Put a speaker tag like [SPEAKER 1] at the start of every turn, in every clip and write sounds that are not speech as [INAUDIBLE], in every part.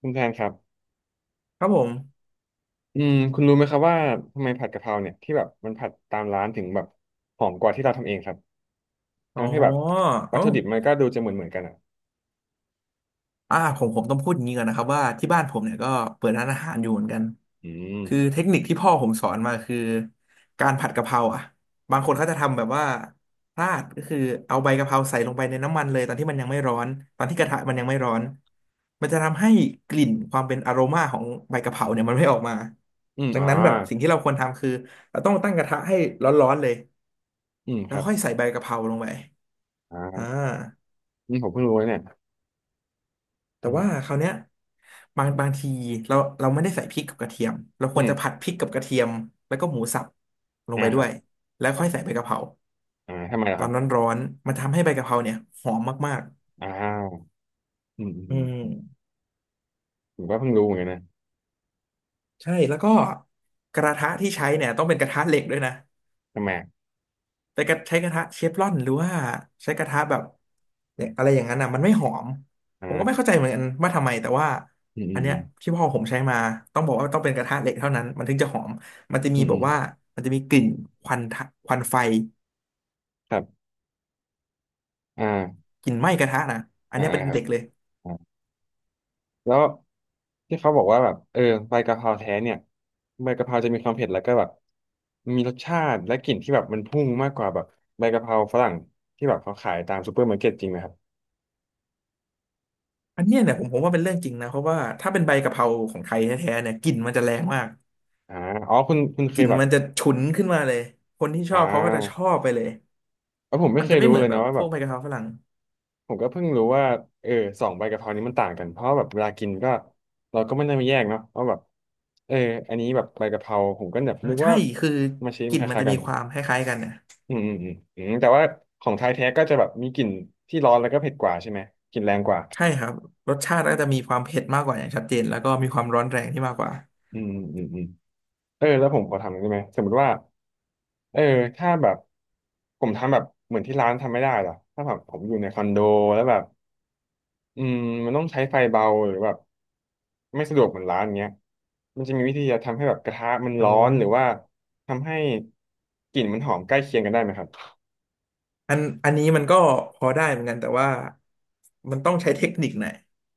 [SPEAKER 1] คุณแทนครับ
[SPEAKER 2] ครับผม
[SPEAKER 1] อืมคุณรู้ไหมครับว่าทำไมผัดกะเพราเนี่ยที่แบบมันผัดตามร้านถึงแบบหอมกว่าที่เราทำเองครับ
[SPEAKER 2] อ๋อ
[SPEAKER 1] ทั้งที่แบบวัต
[SPEAKER 2] เอ้า
[SPEAKER 1] ถุดิบมันก็ดูจะเหมือนกันอ่ะ
[SPEAKER 2] ผมต้องพูดอย่างนี้ก่อนนะครับว่าที่บ้านผมเนี่ยก็เปิดร้านอาหารอยู่เหมือนกัน
[SPEAKER 1] อืม
[SPEAKER 2] คือเทคนิคที่พ่อผมสอนมาคือการผัดกะเพราอ่ะบางคนเขาจะทำแบบว่าพลาดก็คือเอาใบกะเพราใส่ลงไปในน้ำมันเลยตอนที่มันยังไม่ร้อนตอนที่กระทะมันยังไม่ร้อนมันจะทำให้กลิ่นความเป็นอโรมาของใบกะเพราเนี่ยมันไม่ออกมา
[SPEAKER 1] อืม
[SPEAKER 2] ดัง
[SPEAKER 1] อ่า
[SPEAKER 2] นั้นแบบสิ่งที่เราควรทำคือเราต้องตั้งกระทะให้ร้อนๆเลย
[SPEAKER 1] อืมค
[SPEAKER 2] แล้ว
[SPEAKER 1] รับ
[SPEAKER 2] ค่อยใส่ใบกะเพราลงไป
[SPEAKER 1] อ่า
[SPEAKER 2] อ่า
[SPEAKER 1] อืมผมเพิ่งรู้เลยเนี่ย
[SPEAKER 2] แต่
[SPEAKER 1] อื
[SPEAKER 2] ว่า
[SPEAKER 1] ม
[SPEAKER 2] คราวเนี้ยบางทีเราเราไม่ได้ใส่พริกกับกระเทียมเราค
[SPEAKER 1] อื
[SPEAKER 2] วร
[SPEAKER 1] ม
[SPEAKER 2] จะผัดพริกกับกระเทียมแล้วก็หมูสับลง
[SPEAKER 1] อ่า
[SPEAKER 2] ไป
[SPEAKER 1] ค
[SPEAKER 2] ด้
[SPEAKER 1] รั
[SPEAKER 2] ว
[SPEAKER 1] บ
[SPEAKER 2] ยแล้ว
[SPEAKER 1] ครั
[SPEAKER 2] ค่อ
[SPEAKER 1] บ
[SPEAKER 2] ย
[SPEAKER 1] ผ
[SPEAKER 2] ใส่
[SPEAKER 1] ม
[SPEAKER 2] ใบกะเพรา
[SPEAKER 1] อ่าทำไมล่ะ
[SPEAKER 2] ตอ
[SPEAKER 1] ครั
[SPEAKER 2] น
[SPEAKER 1] บ
[SPEAKER 2] ร้อนๆมันทำให้ใบกะเพราเนี่ยหอมมาก
[SPEAKER 1] อ้าวอืมอืม
[SPEAKER 2] ๆอื
[SPEAKER 1] อื
[SPEAKER 2] ม
[SPEAKER 1] มผมก็เพิ่งรู้เหมือนกันนะ
[SPEAKER 2] ใช่แล้วก็กระทะที่ใช้เนี่ยต้องเป็นกระทะเหล็กด้วยนะ
[SPEAKER 1] ทำไมอ่ะ
[SPEAKER 2] แต่กระใช้กระทะเชฟรอนหรือว่าใช้กระทะแบบเนี่ยอะไรอย่างนั้นอ่ะมันไม่หอม
[SPEAKER 1] อ่
[SPEAKER 2] ผมก็ไม่
[SPEAKER 1] า
[SPEAKER 2] เข้าใจเหมือนกันว่าทำไมแต่ว่า
[SPEAKER 1] อืมอื
[SPEAKER 2] อัน
[SPEAKER 1] ม
[SPEAKER 2] เนี้
[SPEAKER 1] อื
[SPEAKER 2] ย
[SPEAKER 1] ม
[SPEAKER 2] ที่พ่อผมใช้มาต้องบอกว่าต้องเป็นกระทะเหล็กเท่านั้นมันถึงจะหอมมันจะ
[SPEAKER 1] อื
[SPEAKER 2] มี
[SPEAKER 1] ม
[SPEAKER 2] แบ
[SPEAKER 1] อื
[SPEAKER 2] บ
[SPEAKER 1] ม
[SPEAKER 2] ว่ามันจะมีกลิ่นควันควันไฟ
[SPEAKER 1] ครับอ่า
[SPEAKER 2] กลิ่นไหม้กระทะนะอัน
[SPEAKER 1] อ่า
[SPEAKER 2] เนี้ยเป็น
[SPEAKER 1] ครับ
[SPEAKER 2] เด็กเลย
[SPEAKER 1] แล้วที่เขาบอกว่าแบบเออใบกะเพราแท้เนี่ยใบกะเพราจะมีความเผ็ดแล้วก็แบบมีรสชาติและกลิ่นที่แบบมันพุ่งมากกว่าแบบใบกะเพราฝรั่งที่แบบเขาขายตามซูเปอร์มาร์เก็ตจริงไหมครับ
[SPEAKER 2] อันเนี้ยเนี่ยผมว่าเป็นเรื่องจริงนะเพราะว่าถ้าเป็นใบกะเพราของไทยแท้ๆเนี่ยกลิ่นมันจะแรงมาก
[SPEAKER 1] อ่าอ๋อคุณเค
[SPEAKER 2] ก
[SPEAKER 1] ย
[SPEAKER 2] ลิ่น
[SPEAKER 1] แบบ
[SPEAKER 2] มันจะฉุนขึ้นมาเลยคนที่ช
[SPEAKER 1] อ่
[SPEAKER 2] อบเขาก็จะช
[SPEAKER 1] า
[SPEAKER 2] อบไปเลย
[SPEAKER 1] เออผมไม่
[SPEAKER 2] มัน
[SPEAKER 1] เค
[SPEAKER 2] จะ
[SPEAKER 1] ย
[SPEAKER 2] ไม่
[SPEAKER 1] รู้
[SPEAKER 2] เหมื
[SPEAKER 1] เล
[SPEAKER 2] อน
[SPEAKER 1] ย
[SPEAKER 2] แบ
[SPEAKER 1] นะ
[SPEAKER 2] บ
[SPEAKER 1] ว่า
[SPEAKER 2] พ
[SPEAKER 1] แบ
[SPEAKER 2] ว
[SPEAKER 1] บ
[SPEAKER 2] กใบกะเพราฝรั่ง
[SPEAKER 1] ผมก็เพิ่งรู้ว่าเออสองใบกะเพรานี้มันต่างกันเพราะแบบเวลากินก็เราก็ไม่ได้มาแยกเนาะว่าแบบเอออันนี้แบบใบกะเพราผมก็แบบ
[SPEAKER 2] อ่า
[SPEAKER 1] นึก
[SPEAKER 2] ใช่
[SPEAKER 1] ว่า
[SPEAKER 2] คือ
[SPEAKER 1] มาชิม
[SPEAKER 2] กลิ่
[SPEAKER 1] ค
[SPEAKER 2] นมัน
[SPEAKER 1] ล้าย
[SPEAKER 2] จะ
[SPEAKER 1] ๆกั
[SPEAKER 2] มี
[SPEAKER 1] น
[SPEAKER 2] ความคล้ายๆกันเนี่ย
[SPEAKER 1] อืมอืมอืมอืมแต่ว่าของไทยแท้ก็จะแบบมีกลิ่นที่ร้อนแล้วก็เผ็ดกว่าใช่ไหมกลิ่นแรงกว่า
[SPEAKER 2] ใช่ครับรสชาติก็จะมีความเผ็ดมากกว่าอย่างชัดเจนแล้วก็มีความร้อนแรงที่มากกว่า
[SPEAKER 1] อืมอืมอืมเออแล้วผมขอถามหน่อยได้ไหมสมมติว่าเออถ้าแบบผมทำแบบเหมือนที่ร้านทำไม่ได้เหรอถ้าแบบผมอยู่ในคอนโดแล้วแบบอืมมันต้องใช้ไฟเบาหรือแบบไม่สะดวกเหมือนร้านเงี้ยมันจะมีวิธีจะทำให้แบบกระทะมัน
[SPEAKER 2] โอ้
[SPEAKER 1] ร้อนหรือว่าทำให้กลิ่นมันหอมใกล้เคียงกันได้ไหมครับ
[SPEAKER 2] อันนี้มันก็พอได้เหมือนกันแต่ว่ามันต้องใช้เทคนิคหน่อย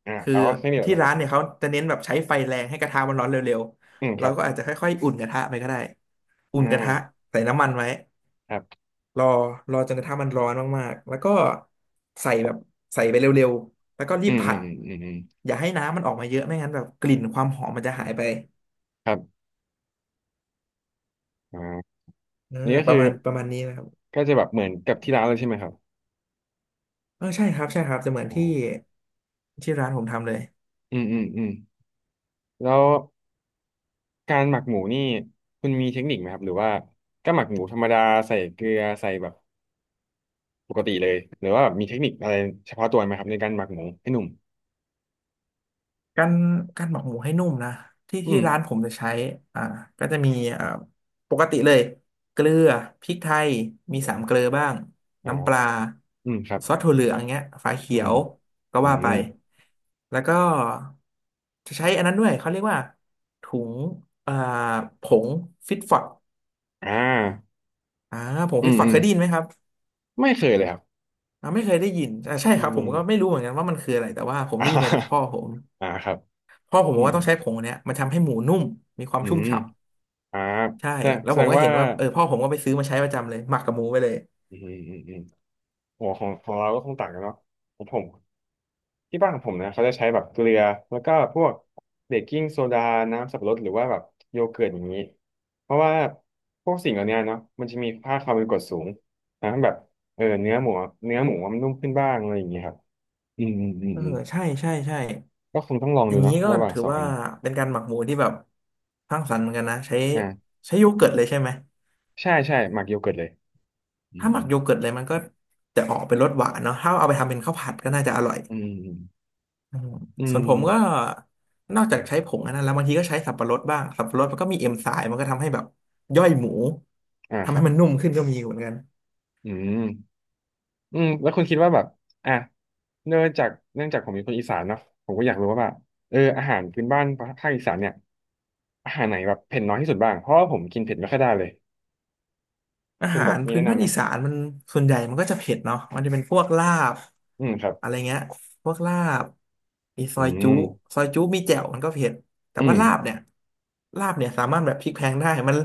[SPEAKER 1] อ่า
[SPEAKER 2] คือ
[SPEAKER 1] เอาแค่นี้แห
[SPEAKER 2] ที่
[SPEAKER 1] ละครั
[SPEAKER 2] ร้า
[SPEAKER 1] บ
[SPEAKER 2] นเนี่ยเขาจะเน้นแบบใช้ไฟแรงให้กระทะมันร้อนเร็ว
[SPEAKER 1] อืม
[SPEAKER 2] ๆ
[SPEAKER 1] ค
[SPEAKER 2] เรา
[SPEAKER 1] รับ
[SPEAKER 2] ก็อาจจะค่อยๆอุ่นกระทะไปก็ได้อุ่
[SPEAKER 1] อ่
[SPEAKER 2] นกระทะ
[SPEAKER 1] า
[SPEAKER 2] ใส่น้ำมันไว้
[SPEAKER 1] ครับ
[SPEAKER 2] รอรอจนกระทั่งมันร้อนมากๆแล้วก็ใส่แบบใส่ไปเร็วๆ แล้วก็รี
[SPEAKER 1] อื
[SPEAKER 2] บ
[SPEAKER 1] มอื
[SPEAKER 2] ผั
[SPEAKER 1] ม
[SPEAKER 2] ด
[SPEAKER 1] อืมอืมอืม
[SPEAKER 2] อย่าให้น้ำมันออกมาเยอะไม่งั้นแบบกลิ่นความหอมมันจะหายไป
[SPEAKER 1] ครับอ่า
[SPEAKER 2] เออ
[SPEAKER 1] นี่ก็คือ
[SPEAKER 2] ประมาณนี้นะครับ
[SPEAKER 1] ก็จะแบบเหมือนกับที่ร้านเลยใช่ไหมครับ
[SPEAKER 2] เออใช่ครับใช่ครับจะเหมือน
[SPEAKER 1] อ๋อ
[SPEAKER 2] ที่ร้านผมทำเลย
[SPEAKER 1] อืมอืมอืมแล้วการหมักหมูนี่คุณมีเทคนิคไหมครับหรือว่าก็หมักหมูธรรมดาใส่เกลือใส่แบบปกติเลยหรือว่าแบบมีเทคนิคอะไรเฉพาะตัวไหมครับในการหมักหมูให้หนุ่ม
[SPEAKER 2] การการหมักหมูให้นุ่มนะที่
[SPEAKER 1] อืม
[SPEAKER 2] ร้านผมจะใช้อ่าก็จะมีอ่าปกติเลยเกลือพริกไทยมีสามเกลือบ้าง
[SPEAKER 1] อ๋อ
[SPEAKER 2] น้ำปลา
[SPEAKER 1] อืมครับ
[SPEAKER 2] ซอสถั่วเหลืองเงี้ยฝา
[SPEAKER 1] อื
[SPEAKER 2] เขีย
[SPEAKER 1] ม
[SPEAKER 2] วก็
[SPEAKER 1] อื
[SPEAKER 2] ว่าไป
[SPEAKER 1] ม
[SPEAKER 2] แล้วก็จะใช้อันนั้นด้วยเขาเรียกว่าถุงอ่าผงฟิตฟอด
[SPEAKER 1] อ่า
[SPEAKER 2] อ่าผง
[SPEAKER 1] อื
[SPEAKER 2] ฟิต
[SPEAKER 1] ม
[SPEAKER 2] ฟอด
[SPEAKER 1] อืม
[SPEAKER 2] เคยได้ยินไหมครับ
[SPEAKER 1] ไม่เคยเลยครับ
[SPEAKER 2] อ่าไม่เคยได้ยินอ่าใช่
[SPEAKER 1] อื
[SPEAKER 2] ครับผม
[SPEAKER 1] ม
[SPEAKER 2] ก็
[SPEAKER 1] [LAUGHS]
[SPEAKER 2] ไม่รู้เหมือนกันว่ามันคืออะไรแต่ว่าผม
[SPEAKER 1] อ่
[SPEAKER 2] ได้ยินมาจากพ่อ
[SPEAKER 1] า
[SPEAKER 2] ผม
[SPEAKER 1] อ่าครับ
[SPEAKER 2] พ่อผม
[SPEAKER 1] อื
[SPEAKER 2] บอก
[SPEAKER 1] ม
[SPEAKER 2] ว่าต้องใช้ผงอันเนี้ยมันทำให้หมูนุ่มมีความ
[SPEAKER 1] อื
[SPEAKER 2] ชุ่ม
[SPEAKER 1] ม
[SPEAKER 2] ฉ่ำ
[SPEAKER 1] อ่า
[SPEAKER 2] ใช่
[SPEAKER 1] แสดง
[SPEAKER 2] แล้ว
[SPEAKER 1] แส
[SPEAKER 2] ผ
[SPEAKER 1] ด
[SPEAKER 2] ม
[SPEAKER 1] ง
[SPEAKER 2] ก็
[SPEAKER 1] ว่า
[SPEAKER 2] เห็นว่าเออพ่อผมก็ไปซื้อมาใช้ประจำเลยหมักกับหมูไปเลย
[SPEAKER 1] อืมอืมอืมโอ้ของเราก็คงต่างกันเนาะของผม ที่บ้านของผมนะเขาจะใช้แบบเกลือแล้วก็พวกเบกกิ้งโซดาน้ำสับปะรดหรือว่าแบบโยเกิร์ตอย่างนี้เพราะว่าพวกสิ่งเหล่านี้เนาะมันจะมีค่าความเป็นกรดสูงทำให้แบบเออเนื้อหมูมันนุ่มขึ้นบ้างอะไรอย่างเงี้ยครับอืมอืมอืม
[SPEAKER 2] เออ
[SPEAKER 1] อืม
[SPEAKER 2] ใช่ใช่ใช่
[SPEAKER 1] ก็คงต้องลอง
[SPEAKER 2] อ
[SPEAKER 1] ดู
[SPEAKER 2] ย่างนี้
[SPEAKER 1] เนาะ
[SPEAKER 2] ก็
[SPEAKER 1] ระหว่าง
[SPEAKER 2] ถือ
[SPEAKER 1] สอง
[SPEAKER 2] ว่า
[SPEAKER 1] อัน
[SPEAKER 2] เป็นการหมักหมูที่แบบสร้างสรรค์เหมือนกันนะใช้
[SPEAKER 1] อ่า
[SPEAKER 2] ใช้โยเกิร์ตเลยใช่ไหม
[SPEAKER 1] ใช่ใช่หมักโยเกิร์ตเลยอื
[SPEAKER 2] ถ้าหมัก
[SPEAKER 1] ม
[SPEAKER 2] โยเกิร์ตเลยมันก็จะออกเป็นรสหวานเนาะถ้าเอาไปทำเป็นข้าวผัดก็น่าจะอร่อย
[SPEAKER 1] อืม
[SPEAKER 2] อืม
[SPEAKER 1] อื
[SPEAKER 2] ส่
[SPEAKER 1] ม
[SPEAKER 2] ว
[SPEAKER 1] อื
[SPEAKER 2] น
[SPEAKER 1] ม
[SPEAKER 2] ผ
[SPEAKER 1] อื
[SPEAKER 2] มก็
[SPEAKER 1] ม
[SPEAKER 2] นอกจากใช้ผงอันนั้นแล้วบางทีก็ใช้สับปะรดบ้างสับปะรดมันก็มีเอนไซม์มันก็ทำให้แบบย่อยหมู
[SPEAKER 1] อ่า
[SPEAKER 2] ทำ
[SPEAKER 1] ครั
[SPEAKER 2] ให้
[SPEAKER 1] บ
[SPEAKER 2] มันนุ่มขึ้นก็มีเหมือนกัน
[SPEAKER 1] อืม อืมแล้วคุณคิดว่าแบบอ่ะเนื่องจากผมเป็นคนอีสานเนาะผมก็อยากรู้ว่าแบบเอออาหารพื้นบ้านภาคอีสานเนี่ยอาหารไหนแบบเผ็ดน้อยที่สุดบ้างเพราะว่าผมกินเผ็ดไม่ค่อยได้เลย
[SPEAKER 2] อา
[SPEAKER 1] คุณ
[SPEAKER 2] หา
[SPEAKER 1] แบบ
[SPEAKER 2] ร
[SPEAKER 1] มี
[SPEAKER 2] พื้น
[SPEAKER 1] แนะ
[SPEAKER 2] บ้า
[SPEAKER 1] นำ
[SPEAKER 2] น
[SPEAKER 1] ไหม
[SPEAKER 2] อีสานมันส่วนใหญ่มันก็จะเผ็ดเนาะมันจะเป็นพวกลาบ
[SPEAKER 1] อืมครับ
[SPEAKER 2] อะไรเงี้ยพวกลาบมีซ
[SPEAKER 1] อื
[SPEAKER 2] อยจุ
[SPEAKER 1] ม
[SPEAKER 2] ซอยจุมีแจ่วมันก็เผ็ดแต่
[SPEAKER 1] อื
[SPEAKER 2] ว่า
[SPEAKER 1] ม
[SPEAKER 2] ลาบเนี่ยลาบเนี่ยสามารถแบบพลิกแพลงได้มัน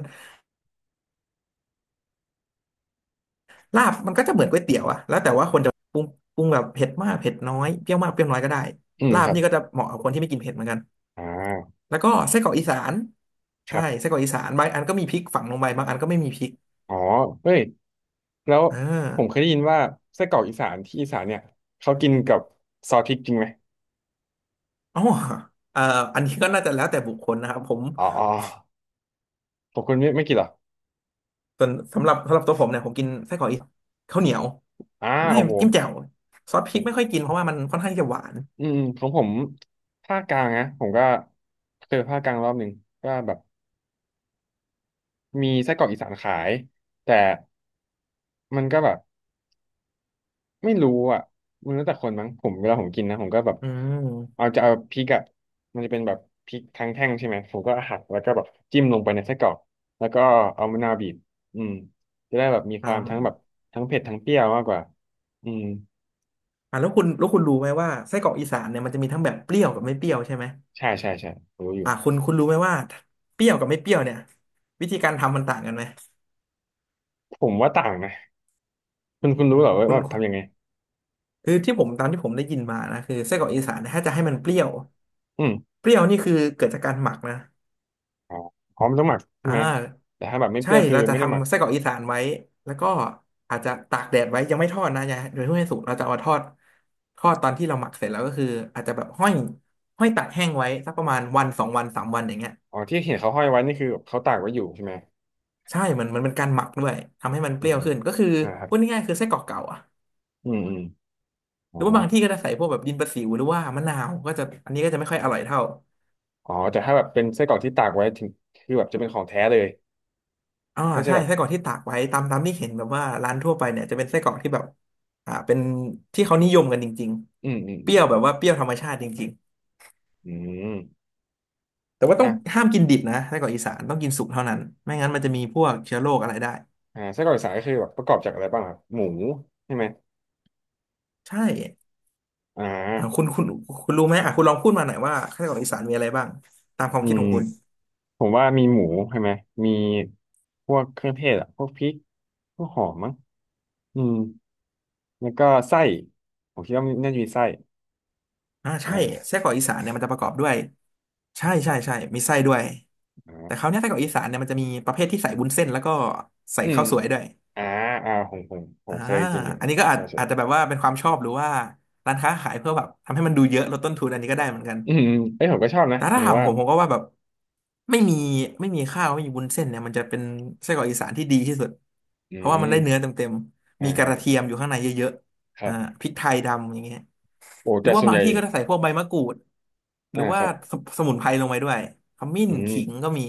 [SPEAKER 2] ลาบมันก็จะเหมือนก๋วยเตี๋ยวอะแล้วแต่ว่าคนจะปรุงปรุงแบบเผ็ดมากเผ็ดน้อยเปรี้ยวมากเปรี้ยวน้อยก็ได้
[SPEAKER 1] อืม
[SPEAKER 2] ลา
[SPEAKER 1] ค
[SPEAKER 2] บ
[SPEAKER 1] รับ
[SPEAKER 2] นี่ก็จะเหมาะกับคนที่ไม่กินเผ็ดเหมือนกัน
[SPEAKER 1] อ่า
[SPEAKER 2] แล้วก็ไส้กรอกอีสาน
[SPEAKER 1] ค
[SPEAKER 2] ใช่
[SPEAKER 1] รับ
[SPEAKER 2] ไส้กรอกอีสานบางอันก็มีพริกฝังลงไปบางอันก็ไม่มีพริก
[SPEAKER 1] อ๋อเฮ้ยแล้ว
[SPEAKER 2] เอ
[SPEAKER 1] ผมเคย
[SPEAKER 2] อ
[SPEAKER 1] ได้ยินว่าไส้กรอกอีสานที่อีสานเนี่ยเขากินกับซอสพริกจริงไหม
[SPEAKER 2] อ๋อเอ่ออันนี้ก็น่าจะแล้วแต่บุคคลนะครับผม
[SPEAKER 1] อ๋ออ๋อผมคุณไม่กินเหรอ
[SPEAKER 2] ส่วนสำหรับตัวผมเนี่ยผมกินไส้กรอกอีสานข้าวเหนียว
[SPEAKER 1] อ่า
[SPEAKER 2] ไม่
[SPEAKER 1] โอ้โห
[SPEAKER 2] จิ้มแจ่วซอสพริกไม่ค่อยกินเพราะว่ามันค่อนข้างที่จะหวาน
[SPEAKER 1] อืมของผมภาคกลางนะผมก็เจอภาคกลางรอบหนึ่งก็แบบมีไส้กรอกอีสานขายแต่มันก็แบบไม่รู้อ่ะมันแล้วแต่คนมั้งผมเวลาผมกินนะผมก็แบบ
[SPEAKER 2] อืม
[SPEAKER 1] เอาจะเอาพริกอ่ะมันจะเป็นแบบพริกทั้งแท่งใช่ไหมผมก็หักแล้วก็แบบจิ้มลงไปในไส้กรอกแล้วก็เอามะนาวบีบอืมจะได้แบบมีค
[SPEAKER 2] อ๋
[SPEAKER 1] วามทั้งแบ
[SPEAKER 2] อ
[SPEAKER 1] บทั้งเผ็ดทั้งเปรี้ยวมากกว่าอืม
[SPEAKER 2] อ่ะแล้วคุณรู้ไหมว่าไส้กรอกอีสานเนี่ยมันจะมีทั้งแบบเปรี้ยวกับไม่เปรี้ยวใช่ไหม
[SPEAKER 1] ใช่ใช่ใช่รู้อยู่
[SPEAKER 2] อ่ะคุณรู้ไหมว่าเปรี้ยวกับไม่เปรี้ยวเนี่ยวิธีการทำมันต่างกันไหม
[SPEAKER 1] ผมว่าต่างนะคุณ
[SPEAKER 2] อื
[SPEAKER 1] รู้
[SPEAKER 2] ม
[SPEAKER 1] เหรอว่า
[SPEAKER 2] คุ
[SPEAKER 1] แบ
[SPEAKER 2] ณ
[SPEAKER 1] บ
[SPEAKER 2] คุณ
[SPEAKER 1] ทำยังไง
[SPEAKER 2] คือที่ผมตามที่ผมได้ยินมานะคือไส้กรอกอีสานเนี่ยถ้าจะให้มันเปรี้ยว
[SPEAKER 1] อืม
[SPEAKER 2] เปรี้ยวนี่คือเกิดจากการหมักนะ
[SPEAKER 1] อ๋อพร้อมต้องหมักใช่
[SPEAKER 2] อ่
[SPEAKER 1] ไหม
[SPEAKER 2] า
[SPEAKER 1] แต่ถ้าแบบไม่เป
[SPEAKER 2] ใช่
[SPEAKER 1] รี้ยวคือ
[SPEAKER 2] เราจะ
[SPEAKER 1] ไม่ได้หมัก
[SPEAKER 2] ทำไส้กรอกอีสานไว้แล้วก็อาจจะตากแดดไว้ยังไม่ทอดนะอย่าโดยทั่วไปสุกเราจะเอามาทอดทอดตอนที่เราหมักเสร็จแล้วก็คืออาจจะแบบห้อยห้อยตากแห้งไว้สักประมาณวันสองวันสามวันอย่างเงี้ย
[SPEAKER 1] อ๋อที่เห็นเขาห้อยไว้นี่คือเขาตากไว้อยู่ใช่ไหม
[SPEAKER 2] ใช่มันเป็นการหมักด้วยทำให้มันเป
[SPEAKER 1] อืม
[SPEAKER 2] รี้ยว
[SPEAKER 1] อืม
[SPEAKER 2] ขึ้นก็คือ
[SPEAKER 1] นะครับ
[SPEAKER 2] พูดง่ายๆคือไส้กรอกเก่าอะ
[SPEAKER 1] อืมอืม
[SPEAKER 2] ห
[SPEAKER 1] อ๋อ
[SPEAKER 2] รือว่าบางที่ก็จะใส่พวกแบบดินประสิวหรือว่ามะนาวก็จะอันนี้ก็จะไม่ค่อยอร่อยเท่า
[SPEAKER 1] อ๋อแต่ถ้าแบบเป็นไส้กรอกที่ตากไว้ถึงคือแบบจะเป็นของแท้เลย
[SPEAKER 2] อ่า
[SPEAKER 1] ก็จะ
[SPEAKER 2] ใช่
[SPEAKER 1] แบบ
[SPEAKER 2] ไส้กรอกที่ตากไว้ตามที่เห็นแบบว่าร้านทั่วไปเนี่ยจะเป็นไส้กรอกที่แบบอ่าเป็นที่เขานิยมกันจริง
[SPEAKER 1] อืมอืม
[SPEAKER 2] ๆเป
[SPEAKER 1] อื
[SPEAKER 2] รี้
[SPEAKER 1] ม
[SPEAKER 2] ยว
[SPEAKER 1] อื
[SPEAKER 2] แบ
[SPEAKER 1] ม
[SPEAKER 2] บว่าเปรี้ยวธรรมชาติจริง
[SPEAKER 1] อืม
[SPEAKER 2] ๆแต่ว่าต้อง
[SPEAKER 1] อ่ะ
[SPEAKER 2] ห้ามกินดิบนะไส้กรอกอีสานต้องกินสุกเท่านั้นไม่งั้นมันจะมีพวกเชื้อโรคอะไรได้
[SPEAKER 1] อ่าไส้กรอกอีสานก็คือแบบประกอบจากอะไรบ้างครับหมูใช่ไหม
[SPEAKER 2] ใช่
[SPEAKER 1] อ่า
[SPEAKER 2] อ่าคุณรู้ไหมอ่ะคุณลองพูดมาหน่อยว่าไส้กรอกอีสานมีอะไรบ้างตามความ
[SPEAKER 1] อื
[SPEAKER 2] คิด
[SPEAKER 1] ม
[SPEAKER 2] ของคุณ
[SPEAKER 1] ผมว่ามีหมูใช่ไหมมีพวกเครื่องเทศอ่ะพวกพริกพวกหอมมั้งอืมแล้วก็ไส้ผมคิดว่ามันน่าจะมีไส้
[SPEAKER 2] อ่าใช่
[SPEAKER 1] อ่า
[SPEAKER 2] ไส้กรอกอีสานเนี่ยมันจะประกอบด้วยใช่ใช่ใช่มีไส้ด้วยแต่คราวเนี้ยไส้กรอกอีสานเนี่ยมันจะมีประเภทที่ใส่วุ้นเส้นแล้วก็ใส่
[SPEAKER 1] อืม
[SPEAKER 2] ข้าวสวยด้วย
[SPEAKER 1] อ่าอ่าผม
[SPEAKER 2] อ่า
[SPEAKER 1] เคยกินอยู่
[SPEAKER 2] อันนี้ก็อาจ
[SPEAKER 1] ใช่ใช่
[SPEAKER 2] อาจจะแบบว่าเป็นความชอบหรือว่าร้านค้าขายเพื่อแบบทำให้มันดูเยอะลดต้นทุนอันนี้ก็ได้เหมือนกัน
[SPEAKER 1] อืมอืมเอ้ยผมก็ชอบนะ
[SPEAKER 2] แต่
[SPEAKER 1] หมา
[SPEAKER 2] ถ้า
[SPEAKER 1] ยถึ
[SPEAKER 2] ถา
[SPEAKER 1] ง
[SPEAKER 2] ม
[SPEAKER 1] ว่า
[SPEAKER 2] ผมผมก็ว่าแบบไม่มีไม่มีข้าวไม่มีวุ้นเส้นเนี่ยมันจะเป็นไส้กรอกอีสานที่ดีที่สุด
[SPEAKER 1] อื
[SPEAKER 2] เพราะว่ามันได้เนื้อ
[SPEAKER 1] ม
[SPEAKER 2] เต็ม
[SPEAKER 1] อ
[SPEAKER 2] ๆมีกระเที
[SPEAKER 1] ่า
[SPEAKER 2] ยมอยู่ข้างในเยอะ
[SPEAKER 1] ค
[SPEAKER 2] ๆ
[SPEAKER 1] รั
[SPEAKER 2] อ่า
[SPEAKER 1] บ
[SPEAKER 2] พริกไทยดำอย่างเงี้ย
[SPEAKER 1] โอ้
[SPEAKER 2] หรื
[SPEAKER 1] แต่
[SPEAKER 2] อว่า
[SPEAKER 1] ส่วน
[SPEAKER 2] บา
[SPEAKER 1] ให
[SPEAKER 2] ง
[SPEAKER 1] ญ่
[SPEAKER 2] ที่ก็จะใส่พวกใบมะกรูดหรื
[SPEAKER 1] อ่า
[SPEAKER 2] อ
[SPEAKER 1] ค
[SPEAKER 2] ว่า
[SPEAKER 1] รับ
[SPEAKER 2] สสมุนไพรลงไปด้วยขมิ้น
[SPEAKER 1] อืม
[SPEAKER 2] ขิงก็มี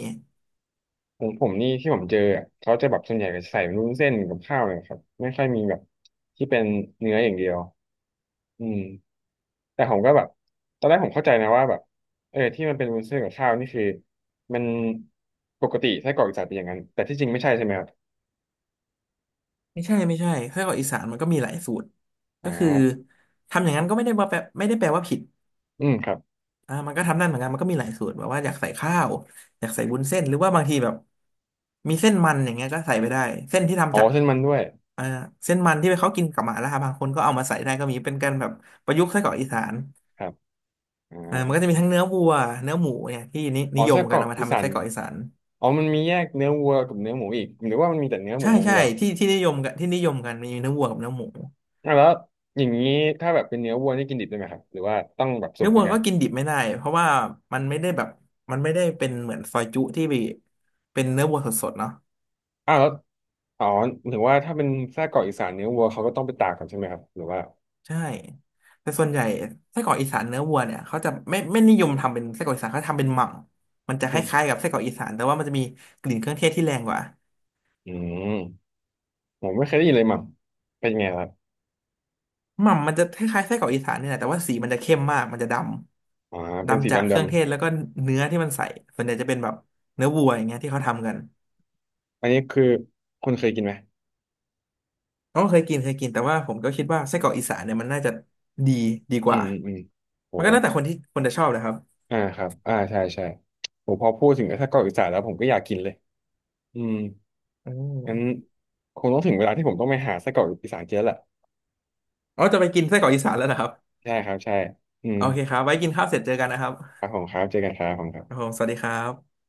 [SPEAKER 1] ผมนี่ที่ผมเจออ่ะเขาจะแบบส่วนใหญ่ก็ใส่เป็นวุ้นเส้นกับข้าวเลยครับไม่ค่อยมีแบบที่เป็นเนื้ออย่างเดียวอืมแต่ผมก็แบบตอนแรกผมเข้าใจนะว่าแบบเออที่มันเป็นวุ้นเส้นกับข้าวนี่คือมันปกติไส้กรอกอีสานเป็นอย่างนั้นแต่ที่จริงไม่ใช่ใช่ไหมครับ
[SPEAKER 2] ไม่ใช่ไส้กรอกอีสานมันก็มีหลายสูตร
[SPEAKER 1] อ่
[SPEAKER 2] ก็คือ
[SPEAKER 1] า
[SPEAKER 2] ทำอย่างนั้นก็ไม่ได้ว่าแปลไม่ได้แปลว่าผิด
[SPEAKER 1] อืมครับ
[SPEAKER 2] อ่ามันก็ทำนั่นเหมือนกันมันก็มีหลายสูตรแบบว่าอยากใส่ข้าวอยากใส่วุ้นเส้น หรือว่าบางทีแบบมีเส้นมันอย่างเงี้ยก็ใส่ไปได้ เส้นที่
[SPEAKER 1] อ๋
[SPEAKER 2] ทำ
[SPEAKER 1] อ
[SPEAKER 2] จาก
[SPEAKER 1] เส้นมันด้วย
[SPEAKER 2] อ่าเส้นมันที่เขากินกับหมาล่าบางคนก็เอามาใส่ได้ก็มีเป็นการแบบประยุกต์ไส้กรอกอีสาน
[SPEAKER 1] ครับ
[SPEAKER 2] อ่ามัน
[SPEAKER 1] อ่า
[SPEAKER 2] ก็จะมีทั้งเนื้อวัวเนื้อหมูเนี่ยที่
[SPEAKER 1] อ๋อ
[SPEAKER 2] นิย
[SPEAKER 1] ไส้
[SPEAKER 2] ม
[SPEAKER 1] กร
[SPEAKER 2] กัน
[SPEAKER 1] อก
[SPEAKER 2] เอามา
[SPEAKER 1] อี
[SPEAKER 2] ทำเป็
[SPEAKER 1] สา
[SPEAKER 2] น
[SPEAKER 1] น
[SPEAKER 2] ไส้กรอกอีสาน
[SPEAKER 1] อ๋อมันมีแยกเนื้อวัวกับเนื้อหมูอีกหรือว่ามันมีแต่เนื้อหมู
[SPEAKER 2] ใช่
[SPEAKER 1] อย่าง
[SPEAKER 2] ใช่
[SPEAKER 1] เดียวอ่ะ
[SPEAKER 2] ที่นิยมกันที่นิยมกันมีเนื้อวัวกับเนื้อหมู
[SPEAKER 1] แล้วอย่างนี้ถ้าแบบเป็นเนื้อวัวนี่กินดิบได้ไหมครับหรือว่าต้องแบบสุ
[SPEAKER 2] เนื้
[SPEAKER 1] ก
[SPEAKER 2] อ
[SPEAKER 1] เหมื
[SPEAKER 2] วั
[SPEAKER 1] อน
[SPEAKER 2] ว
[SPEAKER 1] กัน
[SPEAKER 2] ก็กินดิบไม่ได้เพราะว่ามันไม่ได้แบบมันไม่ได้เป็นเหมือนซอยจุที่เป็นเนื้อวัวสดๆเนาะ
[SPEAKER 1] อ้าวแล้วอ๋อถึงว่าถ้าเป็นไส้กรอกอีสานเนื้อวัวเขาก็ต้องไปตากกันใช่ไหมครับหรือว่า
[SPEAKER 2] ใช่แต่ส่วนใหญ่ไส้กรอกอีสานเนื้อวัวเนี่ยเขาจะไม่นิยมทำเป็นไส้กรอกอีสานเขาทำเป็นหม่ำมันจะค
[SPEAKER 1] อืม
[SPEAKER 2] ล้ายๆกับไส้กรอกอีสานแต่ว่ามันจะมีกลิ่นเครื่องเทศที่แรงกว่า
[SPEAKER 1] อืมผมไม่เคยได้ยินเลยมั้งเป็นยังไงครับ
[SPEAKER 2] หม่ำมันจะคล้ายๆไส้กรอกอีสานเนี่ยแหละแต่ว่าสีมันจะเข้มมากมันจะด
[SPEAKER 1] อ๋อ
[SPEAKER 2] ำ
[SPEAKER 1] เป็นสี
[SPEAKER 2] ดำจาก
[SPEAKER 1] ดำ
[SPEAKER 2] เค
[SPEAKER 1] ด
[SPEAKER 2] รื่องเทศแล้วก็เนื้อที่มันใส่ส่วนใหญ่จะเป็นแบบเนื้อวัวอย่างเงี้ยที่เขาทำกัน
[SPEAKER 1] ำอันนี้คือคุณเคยกินไหม
[SPEAKER 2] ก็เคยกินเคยกินแต่ว่าผมก็คิดว่าไส้กรอกอีสานเนี่ยมันน่าจะดีดีก
[SPEAKER 1] อื
[SPEAKER 2] ว่า
[SPEAKER 1] มอืมอืมโห
[SPEAKER 2] มันก็แล้วแต่คนจะชอบนะครับ
[SPEAKER 1] อ่าครับอ่าใช่ใช่โหพอพูดถึงไอ้ไส้กรอกอีสานแล้วผมก็อยากกินเลยอืม
[SPEAKER 2] อื
[SPEAKER 1] งั้น
[SPEAKER 2] ม
[SPEAKER 1] คงต้องถึงเวลาที่ผมต้องไปหาไส้กรอกอีสานเจ๊แล้วแหละ
[SPEAKER 2] อ๋อจะไปกินไส้กรอกอีสานแล้วนะครับ
[SPEAKER 1] ใช่ครับใช่อื
[SPEAKER 2] โอ
[SPEAKER 1] ม
[SPEAKER 2] เคครับไว้กินข้าวเสร็จเจอกันนะครับ
[SPEAKER 1] ครับผมครับเจอกันครับผมครั
[SPEAKER 2] ครับ
[SPEAKER 1] บ
[SPEAKER 2] ผมสวัสดีครับ